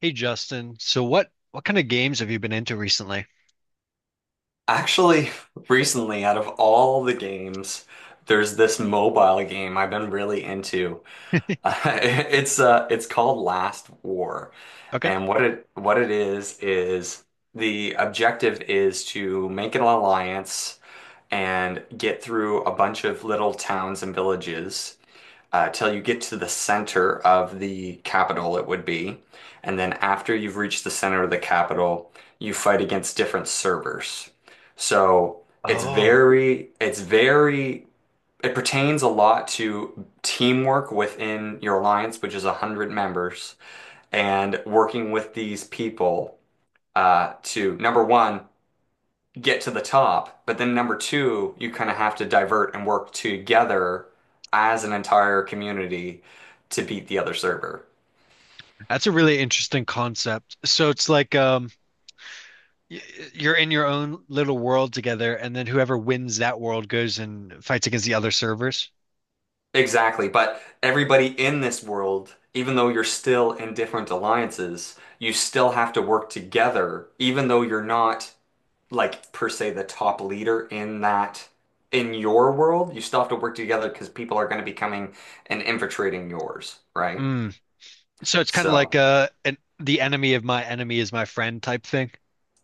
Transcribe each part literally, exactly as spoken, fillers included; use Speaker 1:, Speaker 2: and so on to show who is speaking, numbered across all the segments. Speaker 1: Hey Justin, so what what kind of games have you been into recently?
Speaker 2: Actually, recently, out of all the games, there's this mobile game I've been really into. Uh, it's uh, it's called Last War,
Speaker 1: Okay.
Speaker 2: and what it what it is is the objective is to make an alliance and get through a bunch of little towns and villages uh, till you get to the center of the capital, it would be. And then after you've reached the center of the capital, you fight against different servers. So it's
Speaker 1: Oh,
Speaker 2: very, it's very, it pertains a lot to teamwork within your alliance, which is a hundred members, and working with these people uh, to, number one, get to the top, but then number two, you kind of have to divert and work together as an entire community to beat the other server.
Speaker 1: that's a really interesting concept. So it's like um y- you're in your own little world together and then whoever wins that world goes and fights against the other servers.
Speaker 2: Exactly, but everybody in this world, even though you're still in different alliances, you still have to work together, even though you're not like per se the top leader in that in your world, you still have to work together because people are going to be coming and infiltrating yours, right?
Speaker 1: Mm. So it's kind of like
Speaker 2: So.
Speaker 1: uh an, the enemy of my enemy is my friend type thing.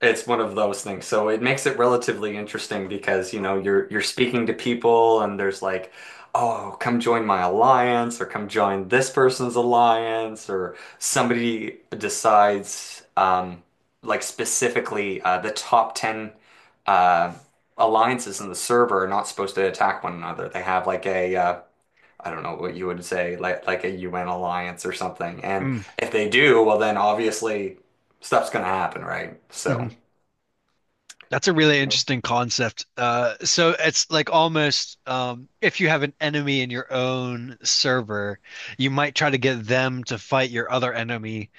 Speaker 2: It's one of those things. So it makes it relatively interesting because, you know, you're you're speaking to people and there's like, oh, come join my alliance or come join this person's alliance or somebody decides um like specifically uh, the top ten uh alliances in the server are not supposed to attack one another. They have like a uh I don't know what you would say, like like a U N alliance or something. And
Speaker 1: Mm.
Speaker 2: if they do, well then obviously stuff's gonna happen, right? So
Speaker 1: Mhm. That's a really interesting concept. Uh, so it's like almost um, if you have an enemy in your own server, you might try to get them to fight your other enemy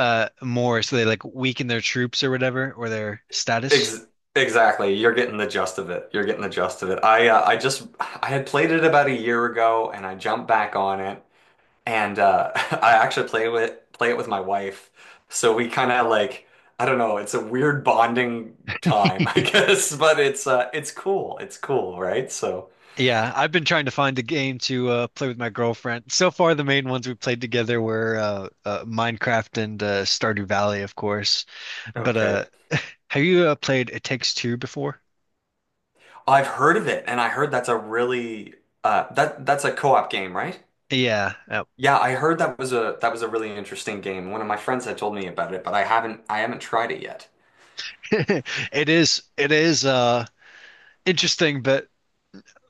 Speaker 1: uh, more, so they like weaken their troops or whatever or their status.
Speaker 2: Ex exactly. You're getting the gist of it. You're getting the gist of it. I uh, I just I had played it about a year ago and I jumped back on it and uh I actually play with play it with my wife. So we kind of like I don't know, it's a weird bonding time, I guess, but it's uh it's cool. It's cool, right? So
Speaker 1: Yeah, I've been trying to find a game to uh, play with my girlfriend. So far, the main ones we played together were uh, uh, Minecraft and uh, Stardew Valley, of course. But uh,
Speaker 2: okay.
Speaker 1: have you uh, played It Takes Two before?
Speaker 2: I've heard of it and I heard that's a really uh that that's a co-op game, right?
Speaker 1: Yeah.
Speaker 2: Yeah, I heard that was a that was a really interesting game. One of my friends had told me about it, but I haven't I haven't tried it yet.
Speaker 1: It is it is uh interesting, but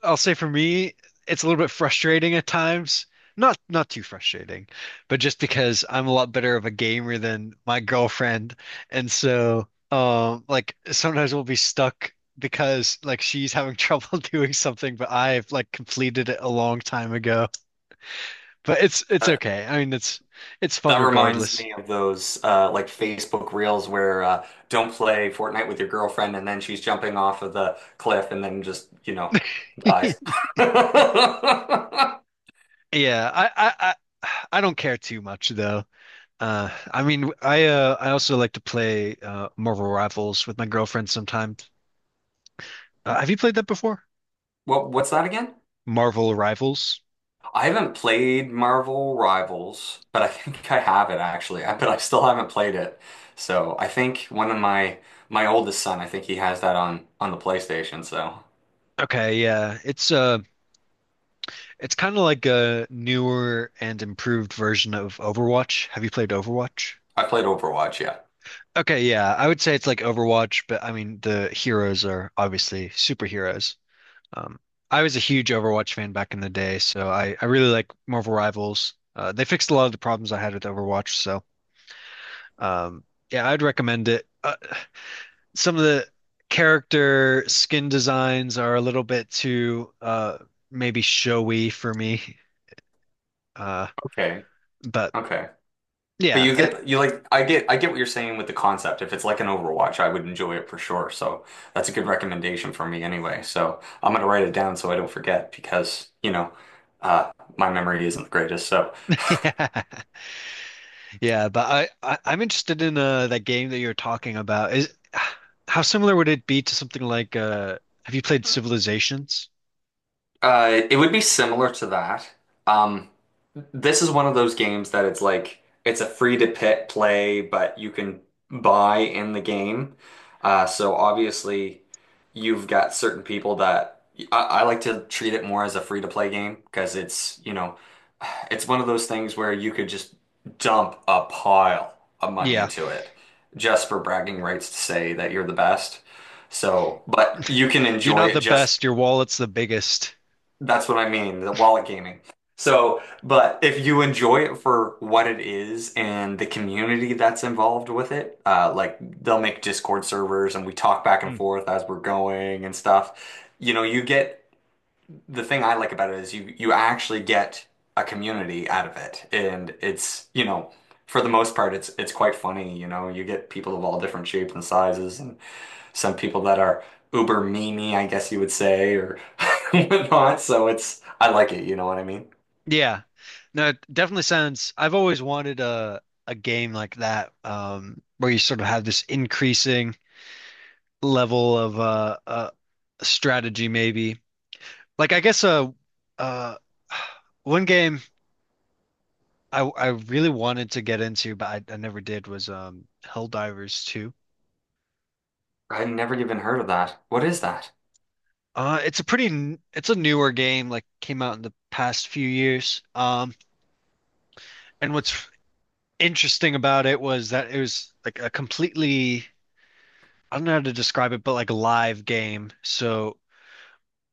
Speaker 1: I'll say for me, it's a little bit frustrating at times. Not not too frustrating, but just because I'm a lot better of a gamer than my girlfriend. And so um like sometimes we'll be stuck because like she's having trouble doing something, but I've like completed it a long time ago. But it's it's
Speaker 2: Uh,
Speaker 1: okay. I mean it's it's fun
Speaker 2: that reminds
Speaker 1: regardless.
Speaker 2: me of those uh, like Facebook Reels where uh, don't play Fortnite with your girlfriend, and then she's jumping off of the cliff and then just, you know, dies.
Speaker 1: Yeah, I I I, I don't care too much though. Uh, I mean, I uh, I also like to play uh, Marvel Rivals with my girlfriend sometimes. Uh, have you played that before?
Speaker 2: What what's that again?
Speaker 1: Marvel Rivals.
Speaker 2: I haven't played Marvel Rivals, but I think I have it actually. I, but I still haven't played it. So I think one of my my oldest son, I think he has that on on the PlayStation. So.
Speaker 1: Okay, yeah, it's uh, it's kind of like a newer and improved version of Overwatch. Have you played Overwatch?
Speaker 2: I played Overwatch, yeah.
Speaker 1: Okay, yeah, I would say it's like Overwatch, but I mean the heroes are obviously superheroes. Um, I was a huge Overwatch fan back in the day, so I I really like Marvel Rivals. Uh, they fixed a lot of the problems I had with Overwatch, so. Um, yeah, I'd recommend it. Uh, some of the character skin designs are a little bit too uh maybe showy for me. Uh,
Speaker 2: Okay.
Speaker 1: but
Speaker 2: Okay. But
Speaker 1: yeah,
Speaker 2: you
Speaker 1: I-
Speaker 2: get you like I get I get what you're saying with the concept. If it's like an Overwatch, I would enjoy it for sure. So that's a good recommendation for me anyway. So I'm gonna write it down so I don't forget because, you know, uh my memory isn't the greatest. So
Speaker 1: yeah, yeah. But I, I I'm interested in uh that game that you're talking about. Is how similar would it be to something like uh have you played Civilizations?
Speaker 2: uh, it would be similar to that. Um, this is one of those games that it's like it's a free to pit play, but you can buy in the game. Uh, so obviously, you've got certain people that I, I like to treat it more as a free to play game because it's you know it's one of those things where you could just dump a pile of money
Speaker 1: Yeah,
Speaker 2: into it just for bragging rights to say that you're the best. So, but you can
Speaker 1: you're
Speaker 2: enjoy
Speaker 1: not
Speaker 2: it
Speaker 1: the
Speaker 2: just
Speaker 1: best. Your wallet's the biggest.
Speaker 2: that's what I mean, the wallet gaming. So, but if you enjoy it for what it is and the community that's involved with it, uh, like they'll make Discord servers and we talk back and forth as we're going and stuff. You know, you get the thing I like about it is you you actually get a community out of it, and it's you know for the most part it's it's quite funny. You know, you get people of all different shapes and sizes, and some people that are uber memey, I guess you would say, or whatnot. So it's, I like it, you know what I mean?
Speaker 1: Yeah. No, it definitely sounds I've always wanted a a game like that um where you sort of have this increasing level of uh uh strategy maybe. Like I guess uh uh one game I I really wanted to get into but I, I never did was um Helldivers two.
Speaker 2: I've never even heard of that. What is that?
Speaker 1: Uh it's a pretty n- it's a newer game like came out in the past few years. Um and what's interesting about it was that it was like a completely I don't know how to describe it, but like a live game. So,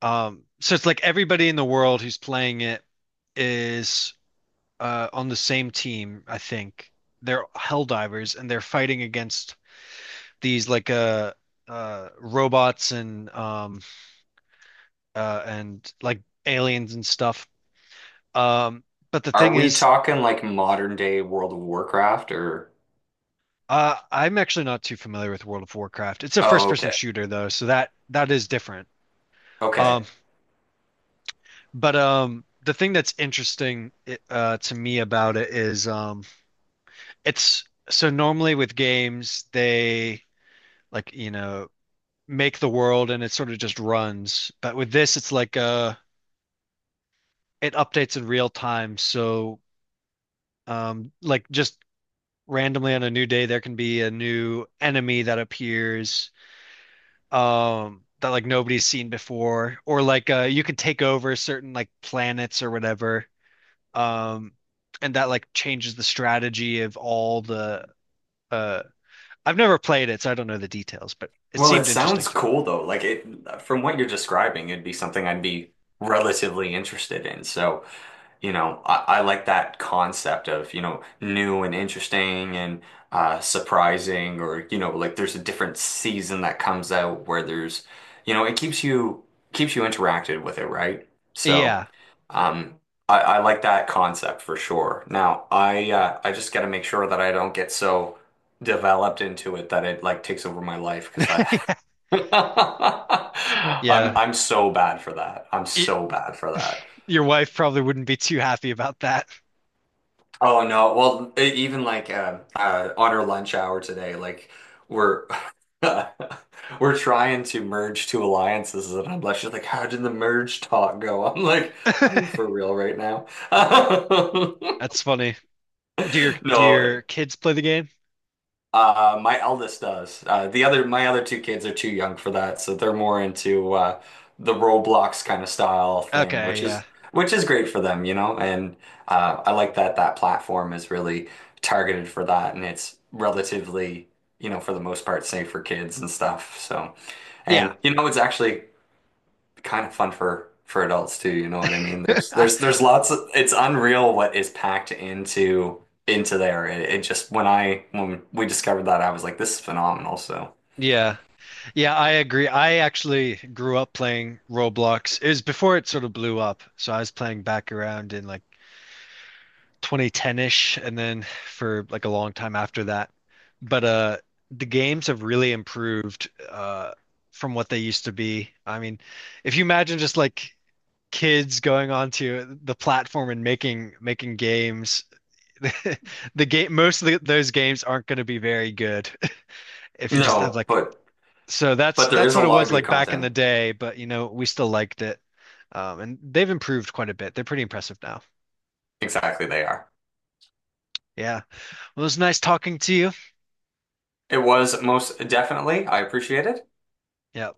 Speaker 1: um, so it's like everybody in the world who's playing it is uh on the same team, I think. They're hell divers and they're fighting against these like uh uh robots and um uh and like aliens and stuff. Um, but the
Speaker 2: Are
Speaker 1: thing
Speaker 2: we
Speaker 1: is,
Speaker 2: talking like modern day World of Warcraft or?
Speaker 1: uh I'm actually not too familiar with World of Warcraft. It's a first
Speaker 2: Oh,
Speaker 1: person
Speaker 2: okay.
Speaker 1: shooter though, so that that is different. Um
Speaker 2: Okay.
Speaker 1: But um, the thing that's interesting uh, to me about it is um, it's so normally with games they like you know make the world and it sort of just runs. But with this, it's like uh, it updates in real time. So um, like just randomly on a new day, there can be a new enemy that appears um, that like nobody's seen before, or like uh, you can take over certain like planets or whatever. Um, and that like changes the strategy of all the uh I've never played it, so I don't know the details, but it
Speaker 2: Well, it
Speaker 1: seemed interesting
Speaker 2: sounds
Speaker 1: to
Speaker 2: cool though. Like it, from what you're describing, it'd be something I'd be relatively interested in. So. You know, I, I like that concept of, you know, new and interesting and uh, surprising, or, you know, like there's a different season that comes out where there's, you know, it keeps you keeps you interacted with it, right?
Speaker 1: me.
Speaker 2: So,
Speaker 1: Yeah,
Speaker 2: um, I, I like that concept for sure. Now, I uh, I just got to make sure that I don't get so developed into it that it like takes over my life because I I'm
Speaker 1: yeah.
Speaker 2: I'm so bad for that. I'm
Speaker 1: Y-
Speaker 2: so bad for that.
Speaker 1: your wife probably wouldn't be too happy about that.
Speaker 2: Oh no. Well, e- even like um uh, on our lunch hour today, like we're we're trying to merge two alliances, and I'm like, she's like, how did the merge talk go? I'm like, are you for real right now?
Speaker 1: That's funny. Do your do
Speaker 2: No,
Speaker 1: your kids play the game?
Speaker 2: uh, my eldest does. Uh, the other, my other two kids are too young for that, so they're more into uh, the Roblox kind of style thing,
Speaker 1: Okay,
Speaker 2: which is
Speaker 1: yeah.
Speaker 2: which is great for them, you know. And uh, I like that that platform is really targeted for that, and it's relatively, you know, for the most part, safe for kids and stuff. So,
Speaker 1: Yeah.
Speaker 2: and you know, it's actually kind of fun for for adults too, you know what I mean? There's there's there's lots of, it's unreal what is packed into into there. It, it just when I when we discovered that I was like this is phenomenal. So
Speaker 1: Yeah. Yeah, I agree. I actually grew up playing Roblox. It was before it sort of blew up. So I was playing back around in like twenty ten-ish and then for like a long time after that. But uh the games have really improved uh from what they used to be. I mean, if you imagine just like kids going onto the platform and making making games, the game most of the, those games aren't going to be very good if you just have
Speaker 2: no,
Speaker 1: like
Speaker 2: but
Speaker 1: so that's
Speaker 2: but there
Speaker 1: that's
Speaker 2: is a
Speaker 1: what it
Speaker 2: lot of
Speaker 1: was
Speaker 2: good
Speaker 1: like back in the
Speaker 2: content.
Speaker 1: day, but you know, we still liked it. Um, and they've improved quite a bit. They're pretty impressive now.
Speaker 2: Exactly, they are.
Speaker 1: Yeah. Well, it was nice talking to you.
Speaker 2: It was most definitely. I appreciate it.
Speaker 1: Yeah.